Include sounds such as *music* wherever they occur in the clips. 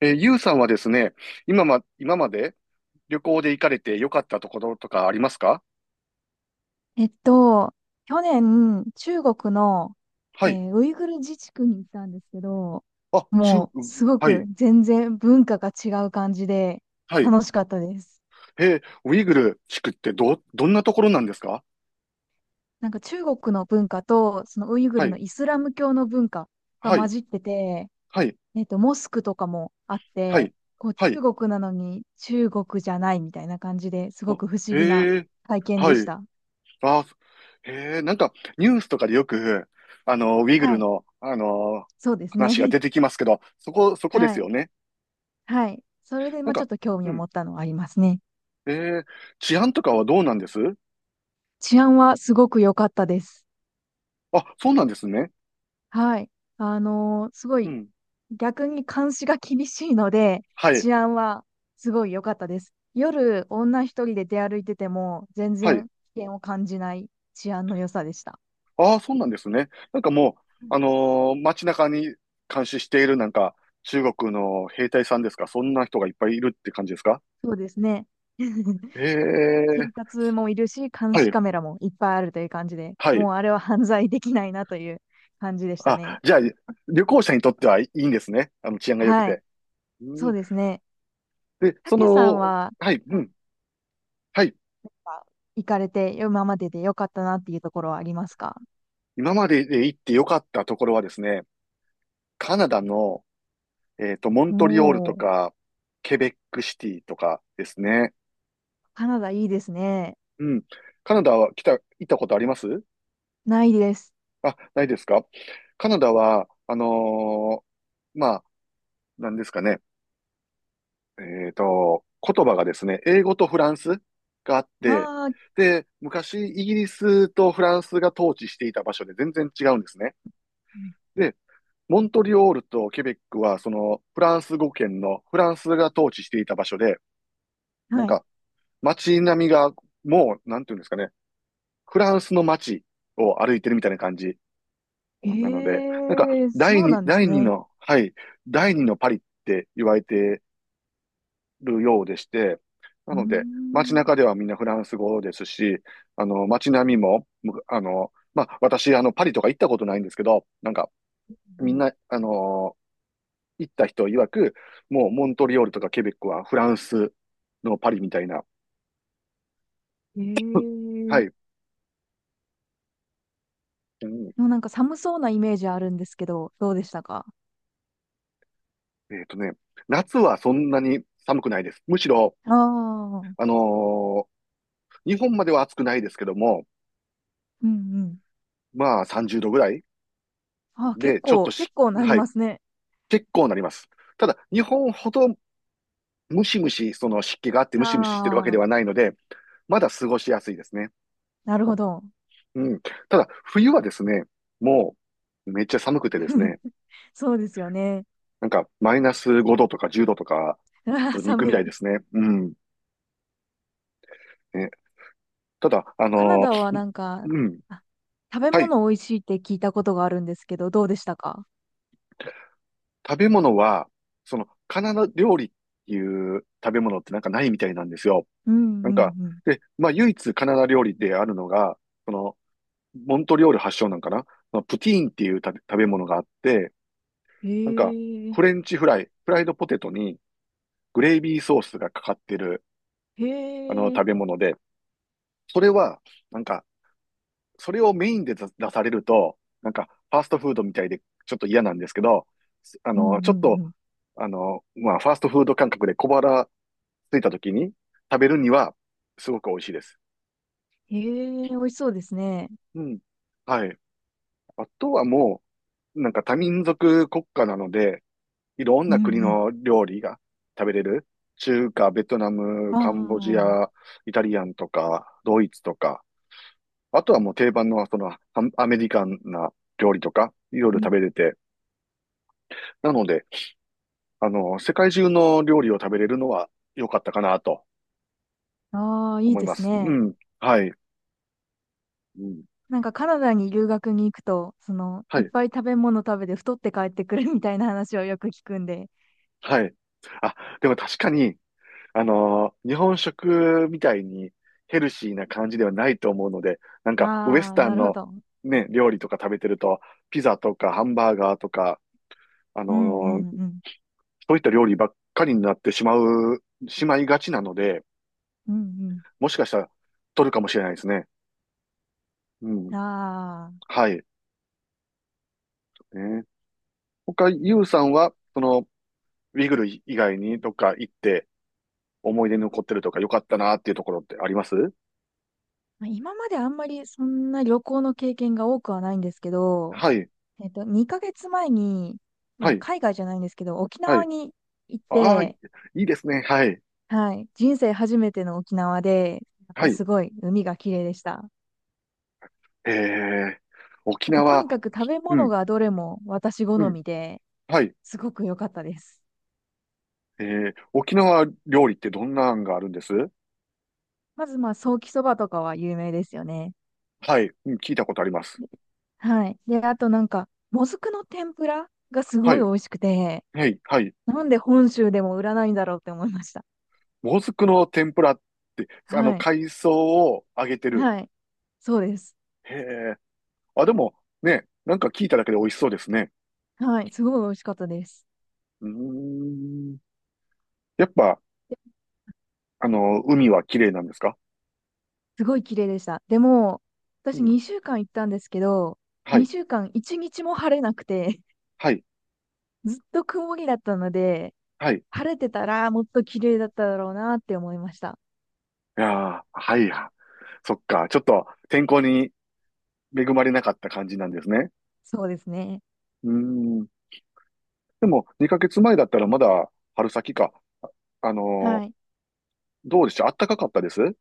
ゆうさんはですね、今まで旅行で行かれて良かったところとかありますか？えっと、去年、中国の、はい。ウイグル自治区に行ったんですけど、あ、中、もう、うん、すごはくい、全然文化が違う感じで、はい。楽しかったです。ウイグル地区ってどんなところなんですか？なんか中国の文化と、そのウイグはルのい、イスラム教の文化がは混い、じってて、はい、モスクとかもあっはて、い、こう、は中い。国なのに中国じゃないみたいな感じですあ、ごく不思議なへえ、体験はでしい。た。あ、へえ、なんかニュースとかでよく、あの、ウイグはルい。の、あの、そうです話がね。出てきますけど、そ *laughs* こではすい。よね。はい。それで、なんまあ、ちょっか、と興味うを持ん。ったのはありますね。えー、治安とかはどうなんです？治安はすごく良かったです。あ、そうなんですね。はい。あのーすごうい、ん。逆に監視が厳しいので、はい、治安はすごい良かったです。夜、女一人で出歩いてても、全はい。然危険を感じない治安の良さでした。ああ、そうなんですね。なんかもう、あのー街中に監視しているなんか、中国の兵隊さんですか、そんな人がいっぱいいるって感じですか？そうですね。*laughs* へえ、警察もいるし、監は視い、カメラもいっぱいあるという感じで、はい。もうあれは犯罪できないなという感じでしたあ、ね。じゃあ、旅行者にとってはいいんですね。あの、治安が良くはい。て。そううん、ですね。で、たそけさんの、は、はい、うあん、はい。か行かれて、今までで良かったなっていうところはありますか？今までで行って良かったところはですね、カナダの、えっと、モンおトリオールとおー、か、ケベックシティとかですね。カナダいいですね。うん。カナダは行ったことあります？ないです。あ、ないですか。カナダは、あのー、まあ、なんですかね。えっと、言葉がですね、英語とフランスがあって、ああ、で、昔、イギリスとフランスが統治していた場所で全然違うんですね。うん、で、モントリオールとケベックは、その、フランス語圏のフランスが統治していた場所で、なんはい。か、街並みが、もう、なんていうんですかね、フランスの街を歩いてるみたいな感じ。えなので、なんか、えー、そうなんです第二ね。の、はい、第二のパリって言われてるようでして、なうーので、街ん。中ではみんなフランス語ですし、あの、街並みも、あの、まあ、私、あの、パリとか行ったことないんですけど、なんか、みんな、あの、行った人曰く、もう、モントリオールとかケベックはフランスのパリみたいな、ええはい、ー。うん、でもなんか寒そうなイメージあるんですけど、どうでしたか？えっとね、夏はそんなに寒くないです。むしろ、あああー、のー日本までは暑くないですけども、うんうん。まあ30度ぐらいあー、結で、ちょっと構、し、結構なりはい、ますね。結構なります。ただ、日本ほどムシムシ、その湿気があってムシムシしてるわけあであ、はないので、まだ過ごしやすいですね。なるほど。うん。ただ、冬はですね、もうめっちゃ寒くてです *laughs* ね、そうですよね。なんかマイナス5度とか10度とか、*laughs* あ普ー通に行くみ寒たいでい。すね。うん。ね、ただ、あカナのダはー、なんか、うん。あ、食べはい。物美味しいって聞いたことがあるんですけど、どうでしたか？食べ物は、その、カナダ料理っていう食べ物ってなんかないみたいなんですよ。うんなうんか、んで、まあ、唯一カナダ料理であるのが、その、モントリオール発祥なんかな、まあ、プティーンっていう食べ物があって、うん。なんか、へえ、フレンチフライ、フライドポテトにグレイビーソースがかかってる、へあの、え、食べ物で、それは、なんか、それをメインで出されると、なんか、ファーストフードみたいで、ちょっと嫌なんですけど、あうんの、ちうょっと、んうん。あの、まあ、ファーストフード感覚で小腹ついた時に食べるには、すごく美味しいです。へえ、美味しそうですね。うん。はい。あとはもう、なんか多民族国家なので、いろんうな国んの料理が食べれる。中華、ベトナム、うん。カンボジああ、ア、イタリアンとか、ドイツとか、あとはもう定番のそのアメリカンな料理とか、いろいうろん。食べれて、なので、あの、世界中の料理を食べれるのは良かったかなとああ、いい思いでますす。うね。ん。はい。うん、なんかカナダに留学に行くと、その、はいっい。ぱい食べ物食べて太って帰ってくるみたいな話をよく聞くんで。はい。あ、でも確かに、あのー日本食みたいにヘルシーな感じではないと思うので、なんかウエあスあ、タなンるほのど。ね、料理とか食べてると、ピザとかハンバーガーとか、あのうんうんーうん。そういった料理ばっかりになってしまう、しまいがちなので、うんもしかしたら取るかもしれないですね。ううん。ん。ああ。はい。ね、他、ユウさんは、その、ウィグル以外にどっか行って思い出に残ってるとか良かったなっていうところってあります？まあ今まであんまりそんな旅行の経験が多くはないんですけど、はい。2ヶ月前に、まはあ、い。海外じゃないんですけど、沖は縄い。に行っああ、い、て、いいですね。はい。はい、人生初めての沖縄で、やっはぱい。すごい海が綺麗でした。ええ、沖あと、と縄、にかく食べう物ん、がどれも私好うん、みで、はい。すごく良かったです。ええ、沖縄料理ってどんな案があるんです？まず、まあ、ソーキそばとかは有名ですよね。はい、うん、聞いたことあります。はい。で、あとなんか、もずくの天ぷらがすはごい美い、味しくて、はい、はい。なんで本州でも売らないんだろうって思いました。もずくの天ぷらって、あの、はい。海藻を揚げてる。はい。そうです。へえ、あ、でも、ね、なんか聞いただけで美味しそうですね。はい。すごい美味しかったです。うーん。やっぱ、あの、海は綺麗なんですか？すごい綺麗でした。でも、う私ん。2週間行ったんですけど、はい、2週間1日も晴れなくて、はい、*laughs* ずっと曇りだったので、はい。い晴れてたらもっと綺麗だっただろうなって思いました。やー、はい、そっか、ちょっと天候に恵まれなかった感じなんですね。そうですね。うーん。でも、2ヶ月前だったらまだ春先か。あのはー、い。どうでしょう、暖かかったです？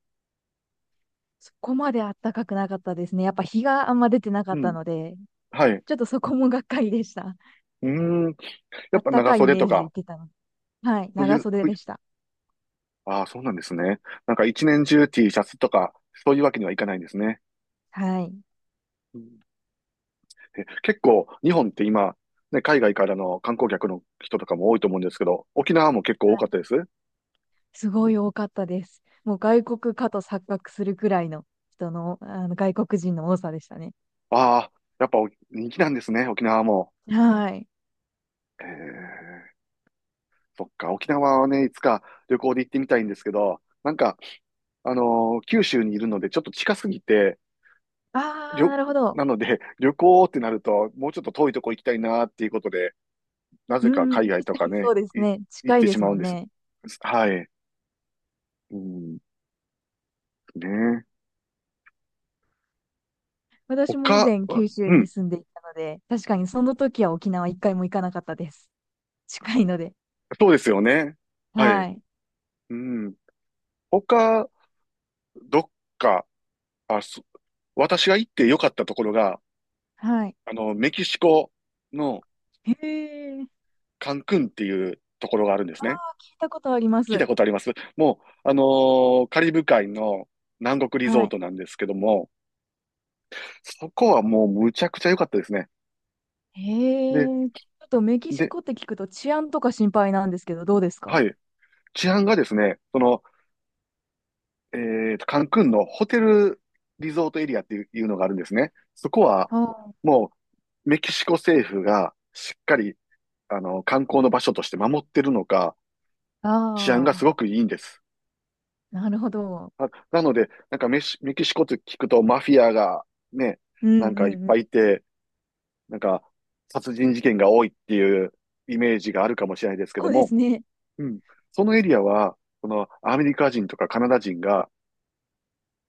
そこまで暖かくなかったですね。やっぱ日があんま出てなかうったん。ので、はい。うちょっとそこもがっかりでした。ーん。やっぱ暖長かいイ袖メとージでか、行ってたので。はい。長袖冬、でした。ああ、そうなんですね。なんか一年中 T シャツとか、そういうわけにはいかないんですね。はい。うん、え、結構、日本って今、ね、海外からの観光客の人とかも多いと思うんですけど、沖縄も結構多はかっい、たです？すごい多かったです。もう外国かと錯覚するくらいの人の、あの外国人の多さでしたね。ああ、やっぱお人気なんですね、沖縄も。はい。えー、そっか、沖縄はね、いつか旅行で行ってみたいんですけど、なんか、あの九州にいるので、ちょっと近すぎて、ありあ、ょ、なるほど。なので、*laughs* 旅行ってなると、もうちょっと遠いとこ行きたいなっていうことで、なうぜか海ん、確外とかかにそね、うですい、ね。行っ近いてでしすまうもんんです。ね。はい。うん、ね。私も以他、前九州うにん、住んでいたので、確かにその時は沖縄一回も行かなかったです。近いので。そうですよね。はい。はい。うん。他、どっか、あ、そ、私が行って良かったところが、はい。あの、メキシコのへえ。カンクンっていうところがあるんですあ、ね。聞いたことありま聞いたす。ことあります？もう、あのーカリブ海の南国リゾはーい。トなんですけども、そこはもうむちゃくちゃ良かったですね。で、へえ。ちょっとメキシで、コって聞くと治安とか心配なんですけど、どうですはか？い。治安がですね、その、えーと、カンクンのホテルリゾートエリアっていうのがあるんですね。そこは、あもう、メキシコ政府がしっかり、あの、観光の場所として守ってるのか、治安がすあ、あごくあいいんです。ー、なるほど。あ、なので、なんかメキシコって聞くとマフィアがね、うんなうんんかいっうぱん。いいて、なんか、殺人事件が多いっていうイメージがあるかもしれないですけどこうでも、すね。うん。そのエリアは、このアメリカ人とかカナダ人が、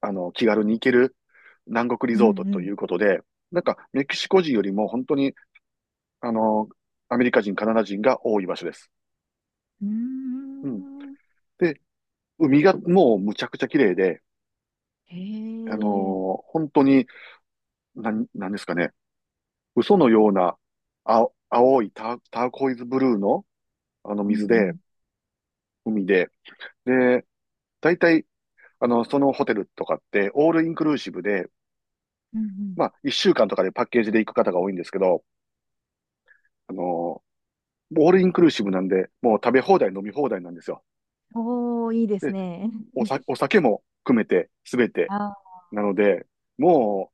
あの、気軽に行ける南国リうゾートといんうことで、なんか、メキシコ人よりも本当に、あの、アメリカ人、カナダ人が多い場所です。うん。うん。うーん。で、海がもうむちゃくちゃ綺麗で、へあのえ。ー本当に、なんですかね、嘘のような青いターコイズブルーの、あのうんう水で、ん。海で、で、だいたいあの、そのホテルとかって、オールインクルーシブで、うんまあ、一週間とかでパッケージで行く方が多いんですけど、あの、オールインクルーシブなんで、もう食べ放題、飲み放題なんですよ。うん。おー、いいですで、ね。おさ、お酒も含めて、すべて。ああ、なので、もう、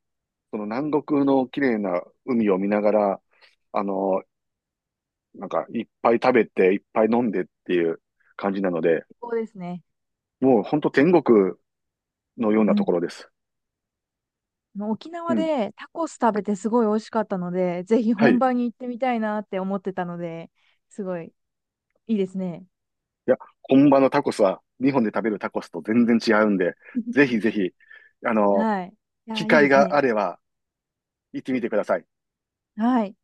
その南国の綺麗な海を見ながら、あの、なんか、いっぱい食べて、いっぱい飲んでっていう感じなので、最高ですね。もう本当天国のよううなとん。ころです。あの沖う縄ん。でタコス食べてすごい美味しかったので、ぜひは本い。場に行ってみたいなって思ってたので、すごいいいですね。いや、本場のタコスは、日本で食べるタコスと全然違うんで、ぜひぜ *laughs* ひ、あの、はい。いや機ー、いいで会すがね。あれば行ってみてください。はい。